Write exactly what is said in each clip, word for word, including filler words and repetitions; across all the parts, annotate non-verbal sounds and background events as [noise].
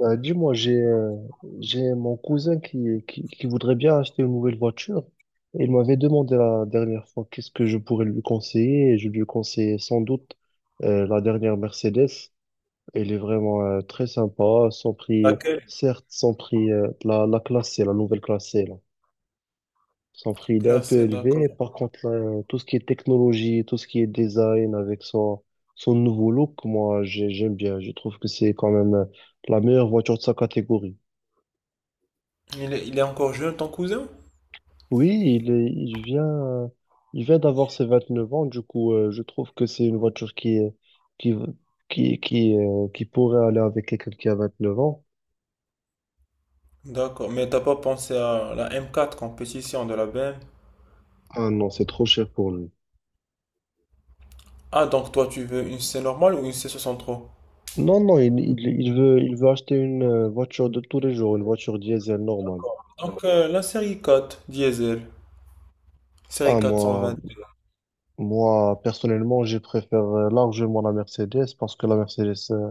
Euh, dis-moi, j'ai euh, j'ai mon cousin qui, qui, qui voudrait bien acheter une nouvelle voiture. Et il m'avait demandé la dernière fois qu'est-ce que je pourrais lui conseiller. Et je lui conseillais sans doute euh, la dernière Mercedes. Elle est vraiment euh, très sympa. Son prix, Laquelle? certes, son prix, euh, la, la classe C, la nouvelle classe C, là. Son prix, il est un peu Classé, d'accord. élevé. Par contre, là, tout ce qui est technologie, tout ce qui est design avec son, son nouveau look, moi, j'ai- j'aime bien. Je trouve que c'est quand même euh, la meilleure voiture de sa catégorie. Il est, il est encore jeune, ton cousin? Oui, il est- il vient, il vient d'avoir ses vingt-neuf ans, du coup, euh, je trouve que c'est une voiture qui, est- qui, qui, qui, euh, qui pourrait aller avec quelqu'un qui a vingt-neuf ans. D'accord, mais t'as pas pensé à la M quatre compétition de la B M? Ah non, c'est trop cher pour lui. Ah, donc toi tu veux une C normale ou une C soixante-trois? Non, non, il, il, il veut, il veut acheter une euh, voiture de tous les jours, une voiture diesel normale. Donc euh, la série quatre diesel, série Ah, moi, quatre cent vingt. moi, personnellement, je préfère euh, largement la Mercedes parce que la Mercedes, euh,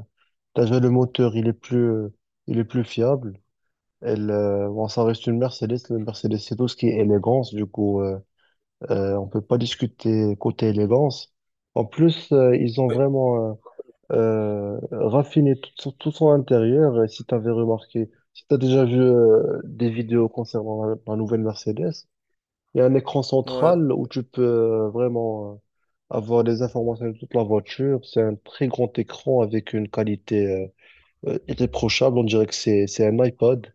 déjà le moteur, il est plus, euh, il est plus fiable. Elle, euh, bon, ça reste une Mercedes. Le Mercedes, c'est tout ce qui est élégance. Du coup, euh, euh, on peut pas discuter côté élégance. En plus, euh, ils ont Ouais, vraiment euh, euh, raffiné tout, son tout son intérieur. Et si tu avais remarqué, si tu as déjà vu euh, des vidéos concernant la, la nouvelle Mercedes, il y a un écran ouais, central où tu peux euh, vraiment euh, avoir des informations de toute la voiture. C'est un très grand écran avec une qualité euh, euh, irréprochable. On dirait que c'est c'est un iPod.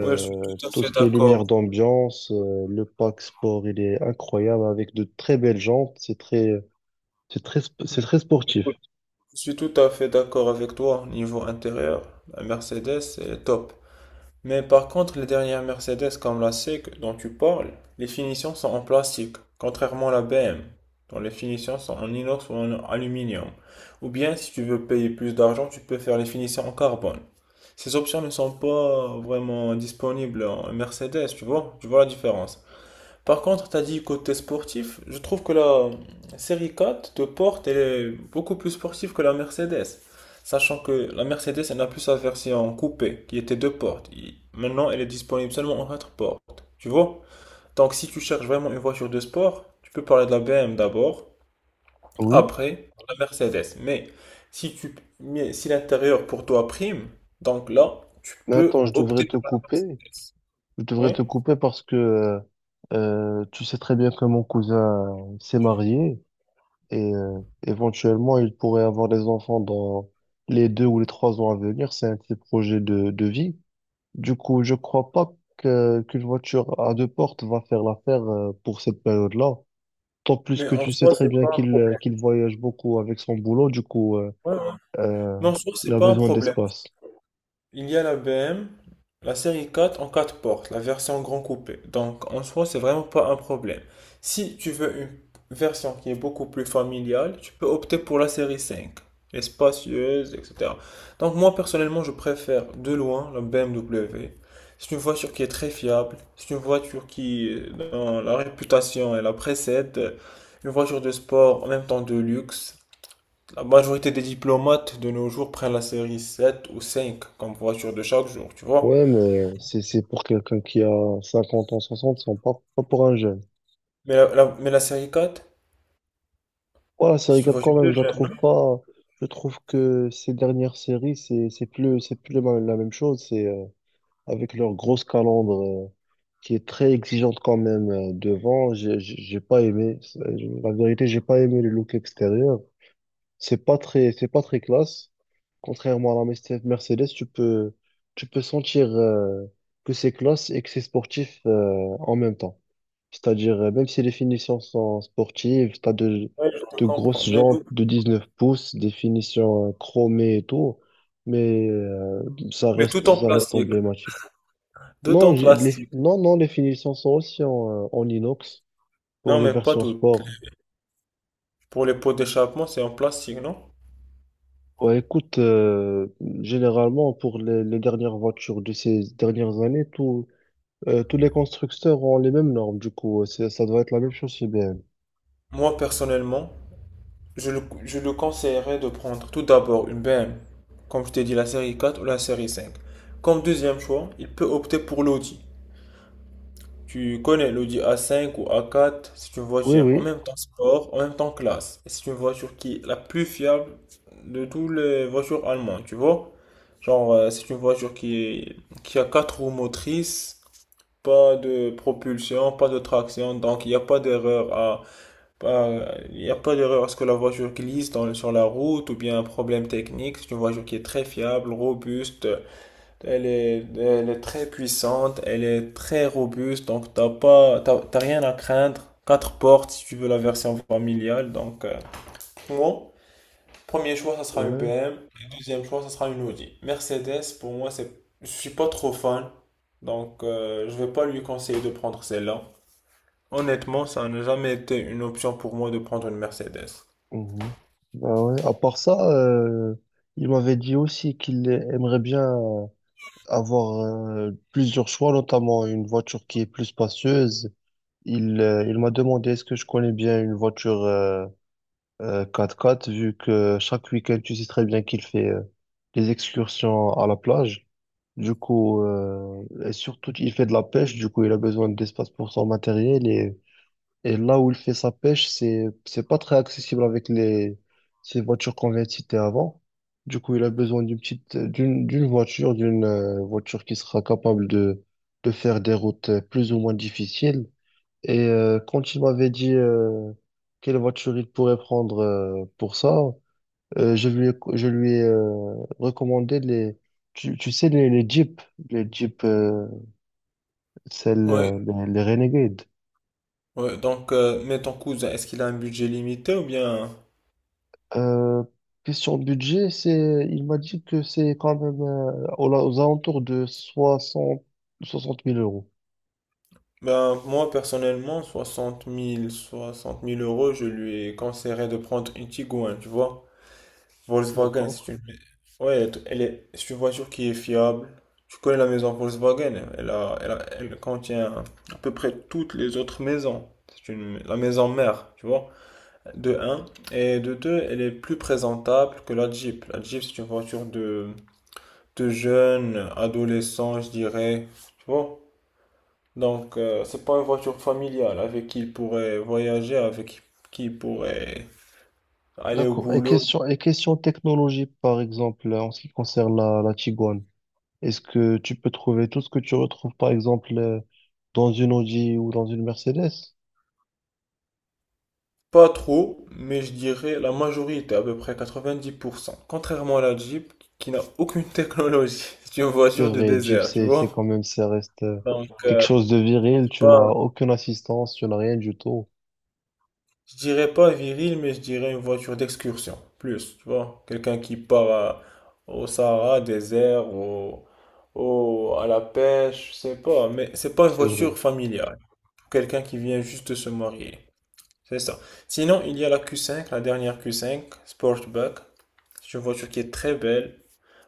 ouais, je suis tout à tout fait ce qui est d'accord. lumière d'ambiance, euh, le pack sport, il est incroyable avec de très belles jantes. C'est très, c'est très, sp- c'est très sportif. Écoute, je suis tout à fait d'accord avec toi. Niveau intérieur, la Mercedes est top. Mais par contre, les dernières Mercedes comme la S E C, dont tu parles, les finitions sont en plastique, contrairement à la B M, dont les finitions sont en inox ou en aluminium. Ou bien, si tu veux payer plus d'argent, tu peux faire les finitions en carbone. Ces options ne sont pas vraiment disponibles en Mercedes, tu vois? Tu vois la différence? Par contre, tu as dit côté sportif, je trouve que la série quatre de Porte elle est beaucoup plus sportive que la Mercedes. Sachant que la Mercedes, elle n'a plus sa version coupée, qui était deux portes. Il- Maintenant, elle est disponible seulement en quatre portes. Tu vois? Donc, si tu cherches vraiment une voiture de sport, tu peux parler de la B M W d'abord, Oui. après la Mercedes. Mais si tu, mais si l'intérieur pour toi prime, donc là, tu Mais attends, peux je devrais opter te pour la couper. Mercedes. Je devrais Oui? te couper parce que euh, euh, tu sais très bien que mon cousin s'est marié et euh, éventuellement il pourrait avoir des enfants dans les deux ou les trois ans à venir. C'est un petit projet de, de vie. Du coup, je crois pas que, qu'une voiture à deux portes va faire l'affaire euh, pour cette période-là. Tant plus Mais que en tu sais soi, très c'est bien pas un qu'il euh, problème. qu'il voyage beaucoup avec son boulot, du coup, euh, Ouais, ouais. euh, Mais en soi, il c'est a pas un besoin problème. d'espace. Il y a la B M, la série quatre en quatre portes, la version grand coupé. Donc en soi, c'est vraiment pas un problème. Si tu veux une version qui est beaucoup plus familiale, tu peux opter pour la série cinq, espacieuse, et cetera. Donc moi personnellement, je préfère de loin la B M W. C'est une voiture qui est très fiable, c'est une voiture qui, euh, dans la réputation, elle la précède. Une voiture de sport, en même temps de luxe. La majorité des diplomates de nos jours prennent la série sept ou cinq comme voiture de chaque jour, tu vois. Ouais, mais c'est c'est pour quelqu'un qui a cinquante ans, soixante, c'est pas, pas pour un jeune. Mais la, la- mais la série quatre, Voilà, série c'est une quatre quand voiture même, de je la jeune, trouve non? pas. Je trouve que ces dernières séries, c'est c'est plus c'est plus la la même chose. C'est euh, avec leur grosse calandre euh, qui est très exigeante quand même euh, devant. J'ai j'ai j'ai pas aimé. c'est- La vérité, j'ai pas aimé le look extérieur. C'est pas très c'est pas très classe. Contrairement à la Merce- Mercedes, tu peux, tu peux sentir euh, que c'est classe et que c'est sportif euh, en même temps. C'est-à-dire, euh, même si les finitions sont sportives, tu as de, Ouais, je te de comprends. grosses Mais, nous- jantes de dix-neuf pouces, des finitions euh, chromées et tout, mais euh, ça mais tout reste, en ça reste plastique. emblématique. Tout en Non, j'ai- les, plastique. non, non, les finitions sont aussi en, euh, en inox pour Non, les mais pas versions tout. sport. Pour les pots d'échappement, c'est en plastique, non? Ouais, écoute, euh, généralement, pour les, les dernières voitures de ces dernières années, tout Euh, tous les constructeurs ont les mêmes normes, du coup, euh, c'est- ça doit être la même chose chez I B M. Moi, personnellement, je le, je le conseillerais de prendre tout d'abord une B M, comme je t'ai dit, la série quatre ou la série cinq. Comme deuxième choix, il peut opter pour l'Audi. Tu connais l'Audi A cinq ou A quatre, c'est une Oui, voiture en oui, même temps sport, en même temps classe. Et c'est une voiture qui est la plus fiable de toutes les voitures allemandes, tu vois? Genre, euh, c'est une voiture qui est- qui a quatre roues motrices, pas de propulsion, pas de traction, donc il n'y a pas d'erreur à, pas- il n'y a pas d'erreur à ce que la voiture glisse dans- sur la route ou bien un problème technique. C'est une voiture qui est très fiable, robuste, elle est, elle est très puissante, elle est très robuste, donc t'as pas, t'as, t'as rien à craindre. Quatre portes si tu veux la version familiale, donc euh, pour moi, premier choix ça sera une ouais. B M, et deuxième choix ça sera une Audi. Mercedes pour moi c'est, je suis pas trop fan, donc euh, je vais pas lui conseiller de prendre celle-là. Honnêtement, ça n'a jamais été une option pour moi de prendre une Mercedes. Mhm. Bah ouais. À part ça, euh, il m'avait dit aussi qu'il aimerait bien avoir euh, plusieurs choix, notamment une voiture qui est plus spacieuse. Il, euh, il m'a demandé est-ce que je connais bien une voiture euh, euh, quatre quatre, vu que chaque week-end, tu sais très bien qu'il fait euh, des excursions à la plage. Du coup, euh, et surtout, il fait de la pêche, du coup, il a besoin d'espace pour son matériel. Et, et là où il fait sa pêche, c'est, c'est pas très accessible avec les, ces voitures qu'on vient de citer avant. Du coup, il a besoin d'une petite, d'une, d'une voiture, d'une euh, voiture qui sera capable de, de faire des routes euh, plus ou moins difficiles. Et euh, quand il m'avait dit euh, quelle voiture il pourrait prendre euh, pour ça, euh, je lui ai, je lui ai euh, recommandé les, tu, tu sais, les, les Jeeps, les Jeeps, euh, celles, euh, Ouais, les, les Renegades. ouais, donc euh, mais ton cousin, est-ce qu'il a un budget limité ou bien. Euh, question budget, c'est, il m'a dit que c'est quand même euh, aux, aux alentours de soixante soixante mille euros. Ben, moi, personnellement, soixante mille soixante mille euros, je lui conseillerais de prendre une Tiguan, tu vois. Volkswagen, D'accord. c'est une. Ouais, elle est... c'est une voiture qui est fiable. Tu connais la maison Volkswagen, elle a... Elle a- elle contient à peu près toutes les autres maisons. C'est une... la maison mère, tu vois. De un. Et de deux, elle est plus présentable que la Jeep. La Jeep, c'est une voiture de, de jeunes, adolescents, je dirais. Tu vois. Donc, euh, c'est pas une voiture familiale avec qui il pourrait voyager, avec qui il pourrait aller au D'accord. Et boulot. question, et question technologie, par exemple, en ce qui concerne la, la Tiguan, est-ce que tu peux trouver tout ce que tu retrouves, par exemple, euh, dans une Audi ou dans une Mercedes? Pas trop, mais je dirais la majorité, à peu près quatre-vingt-dix pour cent. Contrairement à la Jeep, qui n'a aucune technologie. [laughs] C'est une C'est voiture de vrai, Jeep, désert, tu c'est, c'est vois? quand même, ça reste euh, Donc, quelque euh, chose de viril. Tu n'as pas, aucune assistance, tu n'as rien du tout. je dirais pas viril, mais je dirais une voiture d'excursion. Plus, tu vois? Quelqu'un qui part à- au Sahara, désert, au, au- à la pêche, je sais pas. Mais c'est pas une C'est vrai. voiture familiale, quelqu'un qui vient juste de se marier. C'est ça. Sinon, il y a la Q cinq, la dernière Q cinq, Sportback. C'est une voiture qui est très belle,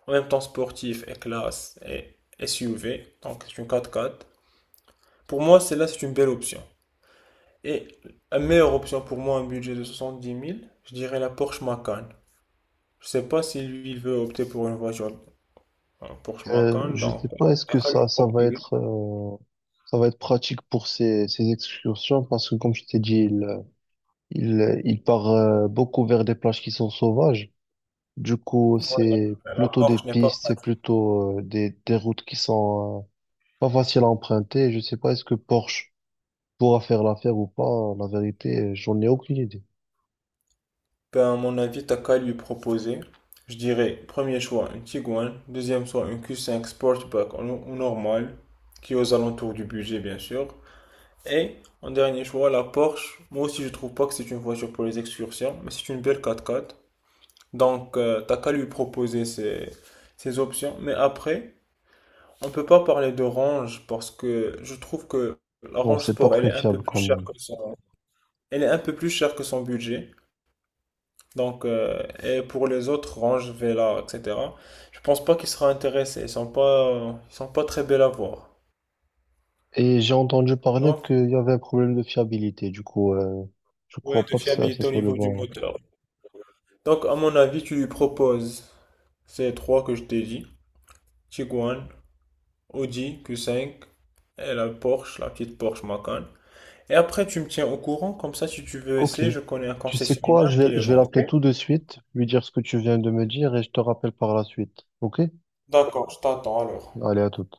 en même temps sportive et classe et S U V, donc c'est une quatre quatre. Pour moi, celle-là, c'est une belle option. Et la meilleure option pour moi, un budget de soixante-dix mille, je dirais la Porsche Macan. Je sais pas si lui, il veut opter pour une voiture euh, Porsche Euh, Macan, je sais donc. euh, pas, est-ce que ça, ça va être, euh, ça va être pratique pour ces, ces excursions parce que, comme je t'ai dit, il, il, il part euh, beaucoup vers des plages qui sont sauvages. Du coup, Ouais, c'est euh, la plutôt des Porsche n'est pas. pistes, c'est plutôt euh, des, des routes qui sont euh, pas faciles à emprunter. Je sais pas, est-ce que Porsche pourra faire l'affaire ou pas. La vérité, j'en ai aucune idée. Ben, à mon avis, t'as qu'à lui proposer. Je dirais, premier choix, une Tiguan. Deuxième choix, une Q cinq Sportback en en normal, qui est aux alentours du budget, bien sûr. Et, en dernier choix, la Porsche. Moi aussi, je trouve pas que c'est une voiture pour les excursions, mais c'est une belle quatre quatre. Donc, euh, t'as qu'à lui proposer ces, ces options. Mais après, on peut pas parler de range parce que je trouve que la Non, range c'est pas sport, elle très est un peu fiable plus quand chère même. que son, elle est un peu plus chère que son budget. Donc, euh, et pour les autres, Range, Vela, et cetera, je pense pas qu'ils seront intéressés. Ils sont pas, ils sont pas très belles à voir. Et j'ai entendu Tu parler vois? qu'il y avait un problème de fiabilité. Du coup, euh, je Ouais, crois de pas que ça, ça fiabilité au soit le niveau du bon. moteur. Donc, à mon avis, tu lui proposes ces trois que je t'ai dit. Tiguan, Audi Q cinq et la Porsche, la petite Porsche Macan. Et après, tu me tiens au courant, comme ça, si tu veux Ok. essayer, je connais un Tu sais quoi? concessionnaire Je qui vais, les je vais vend, ok? l'appeler tout de suite, lui dire ce que tu viens de me dire et je te rappelle par la suite. Ok? D'accord, je t'attends alors. Allez, à toute.